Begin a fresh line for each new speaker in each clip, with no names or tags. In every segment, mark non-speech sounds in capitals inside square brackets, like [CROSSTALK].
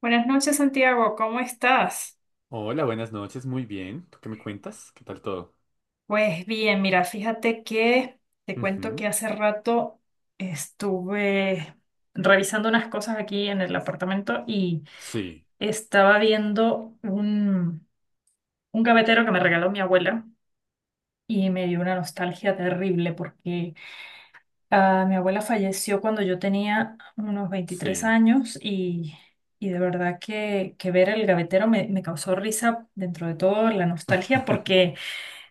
Buenas noches, Santiago, ¿cómo estás?
Hola, buenas noches, muy bien. ¿Tú qué me cuentas? ¿Qué tal todo?
Pues bien, mira, fíjate que te cuento que
Ujú.
hace rato estuve revisando unas cosas aquí en el apartamento y
Sí,
estaba viendo un gavetero que me regaló mi abuela y me dio una nostalgia terrible porque mi abuela falleció cuando yo tenía unos veintitrés
sí.
años y de verdad que ver el gavetero me causó risa dentro de todo la nostalgia
[LAUGHS]
porque...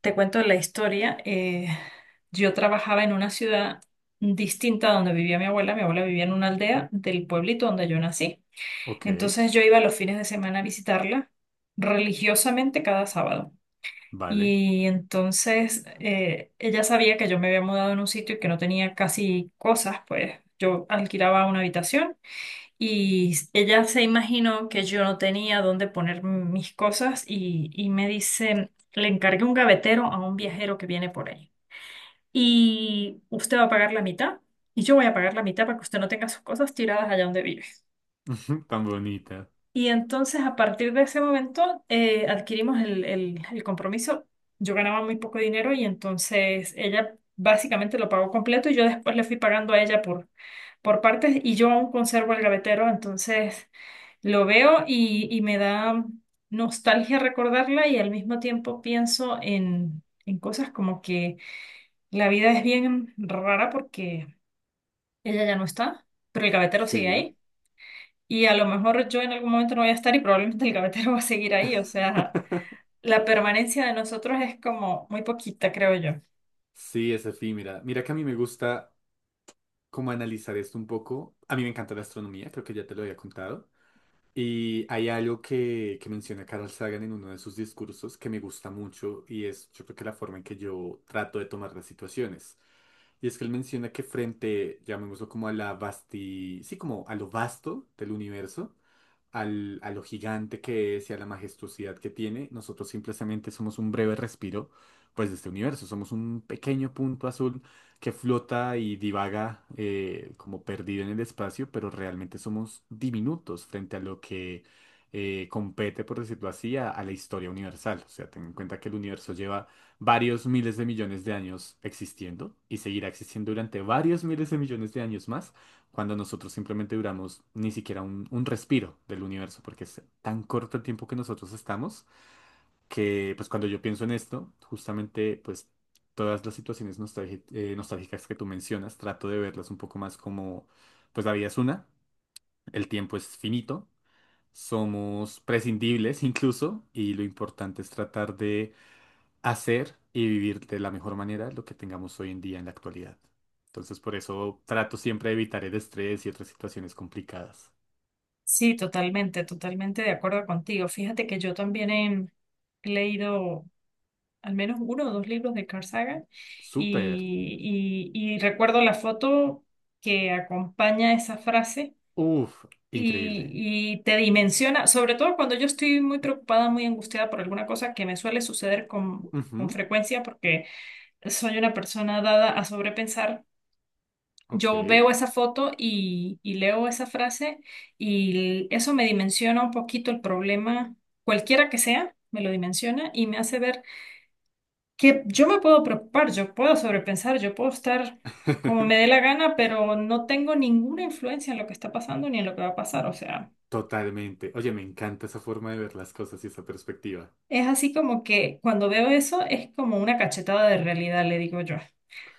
Te cuento la historia. Yo trabajaba en una ciudad distinta a donde vivía mi abuela. Mi abuela vivía en una aldea del pueblito donde yo nací.
Ok,
Entonces yo iba los fines de semana a visitarla religiosamente cada sábado.
vale.
Y entonces ella sabía que yo me había mudado en un sitio y que no tenía casi cosas, pues yo alquilaba una habitación y ella se imaginó que yo no tenía dónde poner mis cosas y me dice, le encargué un gavetero a un viajero que viene por ahí. Y usted va a pagar la mitad y yo voy a pagar la mitad para que usted no tenga sus cosas tiradas allá donde vive.
[LAUGHS] Tan bonita.
Y entonces a partir de ese momento adquirimos el compromiso. Yo ganaba muy poco dinero y entonces ella básicamente lo pagó completo y yo después le fui pagando a ella por partes y yo aún conservo el gavetero. Entonces... Lo veo y me da nostalgia recordarla y al mismo tiempo pienso en cosas como que la vida es bien rara porque ella ya no está, pero el gavetero sigue
Sí,
ahí y a lo mejor yo en algún momento no voy a estar y probablemente el gavetero [LAUGHS] va a seguir ahí. O sea, la permanencia de nosotros es como muy poquita, creo yo.
sí, es efímera. Mira que a mí me gusta como analizar esto un poco. A mí me encanta la astronomía, creo que ya te lo había contado. Y hay algo que menciona Carl Sagan en uno de sus discursos que me gusta mucho y es yo creo que la forma en que yo trato de tomar las situaciones. Y es que él menciona que frente, llamémoslo como a sí, como a lo vasto del universo, a lo gigante que es y a la majestuosidad que tiene, nosotros simplemente somos un breve respiro, pues, de este universo. Somos un pequeño punto azul que flota y divaga, como perdido en el espacio, pero realmente somos diminutos frente a lo que compete, por decirlo así, a la historia universal. O sea, ten en cuenta que el universo lleva varios miles de millones de años existiendo y seguirá existiendo durante varios miles de millones de años más cuando nosotros simplemente duramos ni siquiera un respiro del universo, porque es tan corto el tiempo que nosotros estamos, que pues cuando yo pienso en esto, justamente pues todas las situaciones nostálgicas que tú mencionas, trato de verlas un poco más como, pues la vida es una, el tiempo es finito, somos prescindibles [LAUGHS] incluso, y lo importante es tratar de hacer y vivir de la mejor manera lo que tengamos hoy en día en la actualidad. Entonces, por eso trato siempre de evitar el estrés y otras situaciones complicadas.
Sí, totalmente, totalmente de acuerdo contigo. Fíjate que yo también he leído al menos uno o dos libros de Carl Sagan
Súper.
y recuerdo la foto que acompaña esa frase
Uf, increíble.
y te dimensiona, sobre todo cuando yo estoy muy preocupada, muy angustiada por alguna cosa que me suele suceder con
Ujú.
frecuencia porque soy una persona dada a sobrepensar.
Ok.
Yo veo esa foto y leo esa frase y eso me dimensiona un poquito el problema, cualquiera que sea, me lo dimensiona y me hace ver que yo me puedo preocupar, yo puedo sobrepensar, yo puedo estar como me dé la
[LAUGHS]
gana, pero no tengo ninguna influencia en lo que está pasando ni en lo que va a pasar. O sea,
Totalmente. Oye, me encanta esa forma de ver las cosas y esa perspectiva.
es así como que cuando veo eso es como una cachetada de realidad, le digo yo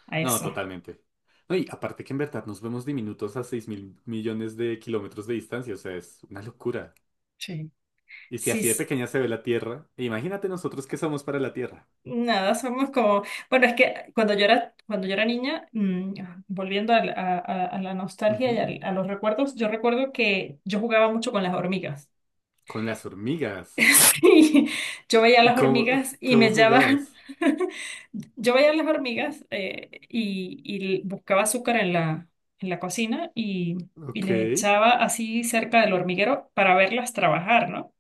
a
No,
eso.
totalmente. No, y aparte que en verdad nos vemos diminutos a 6.000 millones de kilómetros de distancia, o sea, es una locura.
Sí.
Y si
Sí,
así de
sí.
pequeña se ve la Tierra, imagínate nosotros qué somos para la Tierra.
Nada, somos como, bueno, es que cuando yo era niña, volviendo a la nostalgia y
Ujú.
a los recuerdos, yo recuerdo que yo jugaba mucho con las hormigas.
Con las hormigas.
[LAUGHS] Y yo veía
¿Y
las
cómo,
hormigas y me
cómo
echaban,
jugabas?
[LAUGHS] yo veía las hormigas y buscaba azúcar en en la cocina y
Ok,
les
qué
echaba así cerca del hormiguero para verlas trabajar, ¿no?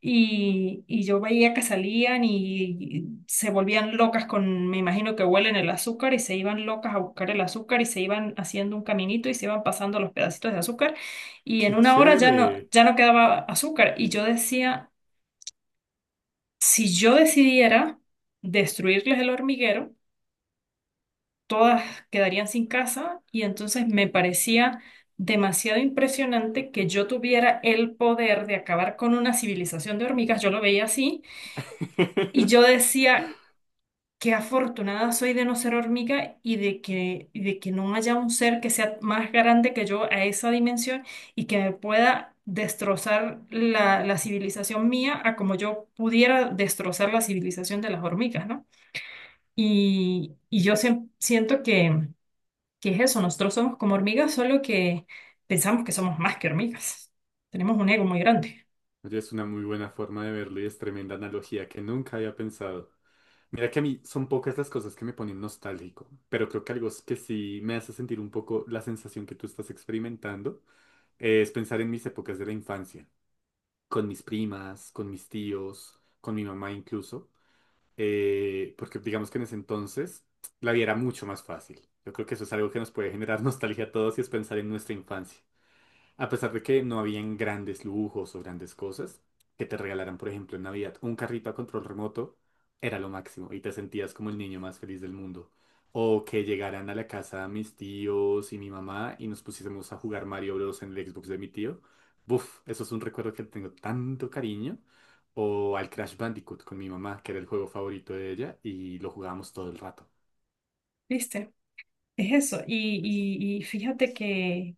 Y yo veía que salían y se volvían locas con, me imagino que huelen el azúcar y se iban locas a buscar el azúcar y se iban haciendo un caminito y se iban pasando los pedacitos de azúcar y en una hora
chévere.
ya no quedaba azúcar y yo decía... Si yo decidiera destruirles el hormiguero, todas quedarían sin casa y entonces me parecía demasiado impresionante que yo tuviera el poder de acabar con una civilización de hormigas. Yo lo veía así y yo
[LAUGHS]
decía, qué afortunada soy de no ser hormiga y de y de que no haya un ser que sea más grande que yo a esa dimensión y que me pueda destrozar la civilización mía a como yo pudiera destrozar la civilización de las hormigas, ¿no? Y yo siem- siento que es eso, nosotros somos como hormigas, solo que pensamos que somos más que hormigas. Tenemos un ego muy grande,
Oye, es una muy buena forma de verlo y es tremenda analogía que nunca había pensado. Mira que a mí son pocas las cosas que me ponen nostálgico, pero creo que algo es que sí me hace sentir un poco la sensación que tú estás experimentando, es pensar en mis épocas de la infancia, con mis primas, con mis tíos, con mi mamá incluso. Porque digamos que en ese entonces la vida era mucho más fácil. Yo creo que eso es algo que nos puede generar [LAUGHS] nostalgia a todos y es pensar en nuestra infancia. A pesar de que no habían grandes lujos o grandes cosas, que te regalaran, por ejemplo, en Navidad un carrito a control remoto era lo máximo y te sentías como el niño más feliz del mundo. O que llegaran a la casa mis tíos y mi mamá y nos pusiésemos a jugar Mario Bros. En el Xbox de mi tío. Buf, eso es un recuerdo que tengo tanto cariño. O al Crash Bandicoot con mi mamá, que era el juego favorito de ella y lo jugábamos todo el rato.
¿viste? Es eso. Y fíjate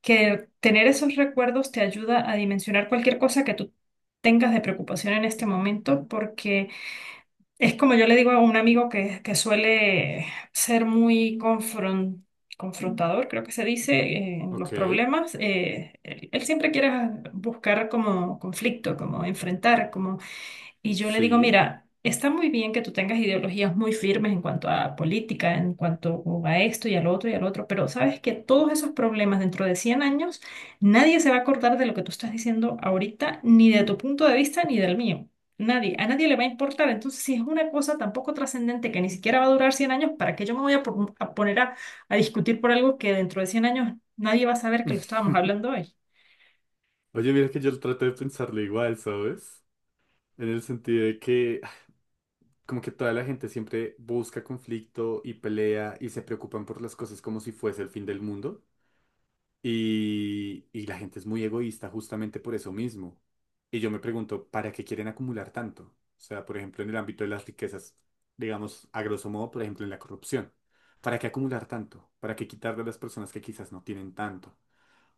que tener esos recuerdos te ayuda a dimensionar cualquier cosa que tú tengas de preocupación en este momento, porque es como yo le digo a un amigo que suele ser muy confrontador, creo que se dice, en los
Ok,
problemas. Él siempre quiere buscar como conflicto, como enfrentar, como y yo le digo,
sí.
mira, está muy bien que tú tengas ideologías muy firmes en cuanto a política, en cuanto a esto y al otro, pero sabes que todos esos problemas dentro de 100 años, nadie se va a acordar de lo que tú estás diciendo ahorita, ni de tu punto de vista, ni del mío. Nadie, a nadie le va a importar. Entonces, si es una cosa tan poco trascendente que ni siquiera va a durar 100 años, ¿para qué yo me voy a poner a discutir por algo que dentro de 100 años nadie va a saber que lo estábamos hablando
[LAUGHS]
hoy?
Oye, mira que yo trato de pensarlo igual, ¿sabes? En el sentido de que ay, como que toda la gente siempre busca conflicto y pelea y se preocupan por las cosas como si fuese el fin del mundo. Y la gente es muy egoísta justamente por eso mismo. Y yo me pregunto, ¿para qué quieren acumular tanto? O sea, por ejemplo, en el ámbito de las riquezas, digamos, a grosso modo, por ejemplo, en la corrupción. ¿Para qué acumular tanto? ¿Para qué quitarle a las personas que quizás no tienen tanto?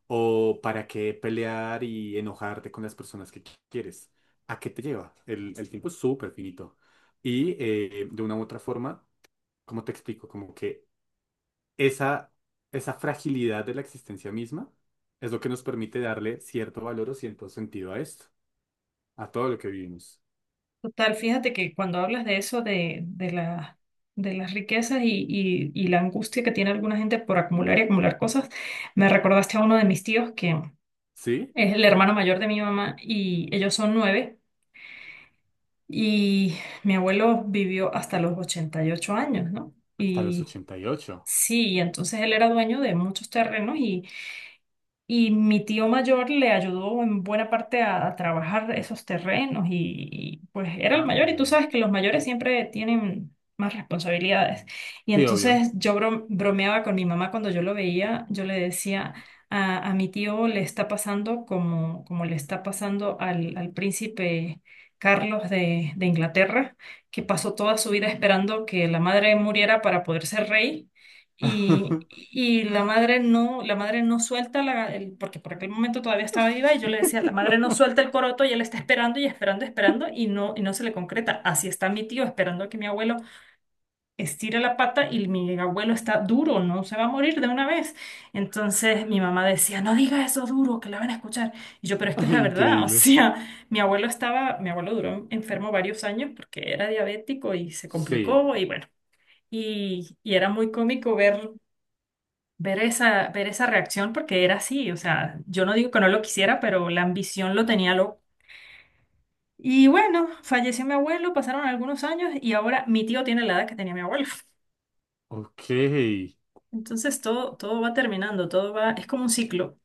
O para qué pelear y enojarte con las personas que quieres. ¿A qué te lleva? El tiempo es súper finito. Y de una u otra forma, ¿cómo te explico? Como que esa, esa fragilidad de la existencia misma es lo que nos permite darle cierto valor o cierto sentido a esto, a todo lo que vivimos.
Total, fíjate que cuando hablas de eso, de de las riquezas y la angustia que tiene alguna gente por acumular y acumular cosas, me recordaste a uno de mis tíos que
¿Sí?
es el hermano mayor de mi mamá y ellos son nueve y mi abuelo vivió hasta los 88 años, ¿no?
Hasta los
Y
88.
sí, y entonces él era dueño de muchos terrenos y mi tío mayor le ayudó en buena parte a trabajar esos terrenos pues era el mayor y tú
Anda.
sabes que los mayores siempre tienen más responsabilidades. Y
Sí, obvio.
entonces yo bromeaba con mi mamá cuando yo lo veía, yo le decía, a mi tío le está pasando como, como le está pasando al príncipe Carlos de Inglaterra, que pasó toda su vida esperando que la madre muriera para poder ser rey.
[LAUGHS]
Y la madre no suelta porque por aquel momento todavía estaba viva y yo le decía, la madre no suelta el coroto y él está esperando y esperando, esperando y no se le concreta. Así está mi tío esperando a que mi abuelo estire la pata y mi abuelo está duro, no se va a morir de una vez. Entonces mi mamá decía, no diga eso duro, que la van a escuchar. Y yo, pero es que es la verdad, [LAUGHS] o
Increíble.
sea, mi abuelo estaba, mi abuelo duró enfermo varios años porque era diabético y se
Sí.
complicó y bueno. Y era muy cómico ver esa reacción porque era así, o sea, yo no digo que no lo quisiera, pero la ambición lo tenía loco. Y bueno, falleció mi abuelo, pasaron algunos años y ahora mi tío tiene la edad que tenía mi abuelo. [LAUGHS]
Ok.
Entonces todo va terminando, todo va, es como un ciclo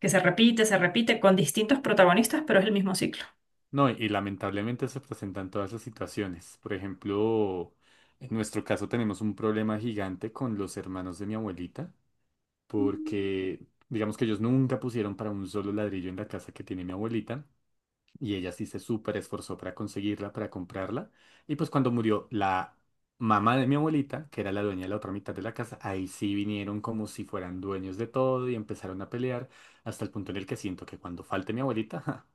que se repite con distintos protagonistas, pero es el mismo ciclo.
No, y lamentablemente se presentan todas esas situaciones. Por ejemplo, en nuestro caso tenemos un problema gigante con los hermanos de mi abuelita,
Ujú.
porque digamos que ellos nunca pusieron para un solo ladrillo en la casa que tiene mi abuelita, y ella sí se súper esforzó para conseguirla, para comprarla, y pues cuando murió la mamá de mi abuelita, que era la dueña de la otra mitad de la casa, ahí sí vinieron como si fueran dueños de todo y empezaron a pelear, hasta el punto en el que siento que cuando falte mi abuelita... [LAUGHS]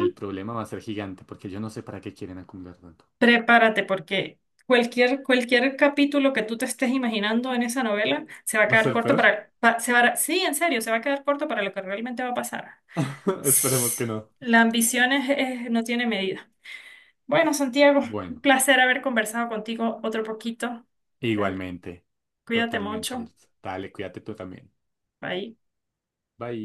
El problema va a ser gigante porque yo no sé para qué quieren acumular tanto.
Prepárate porque cualquier, cualquier capítulo que tú te estés imaginando en esa novela se va a
¿Va a
quedar
ser
corto
peor?
para, pa- se va a- sí, en serio, se va a quedar corto para lo que realmente va a pasar.
[LAUGHS] Esperemos que no.
La ambición no tiene medida. Bueno, Santiago, un
Bueno,
placer haber conversado contigo otro poquito. De verdad,
igualmente.
cuídate
Totalmente,
mucho.
Jules. Dale, cuídate tú también.
Bye.
Bye.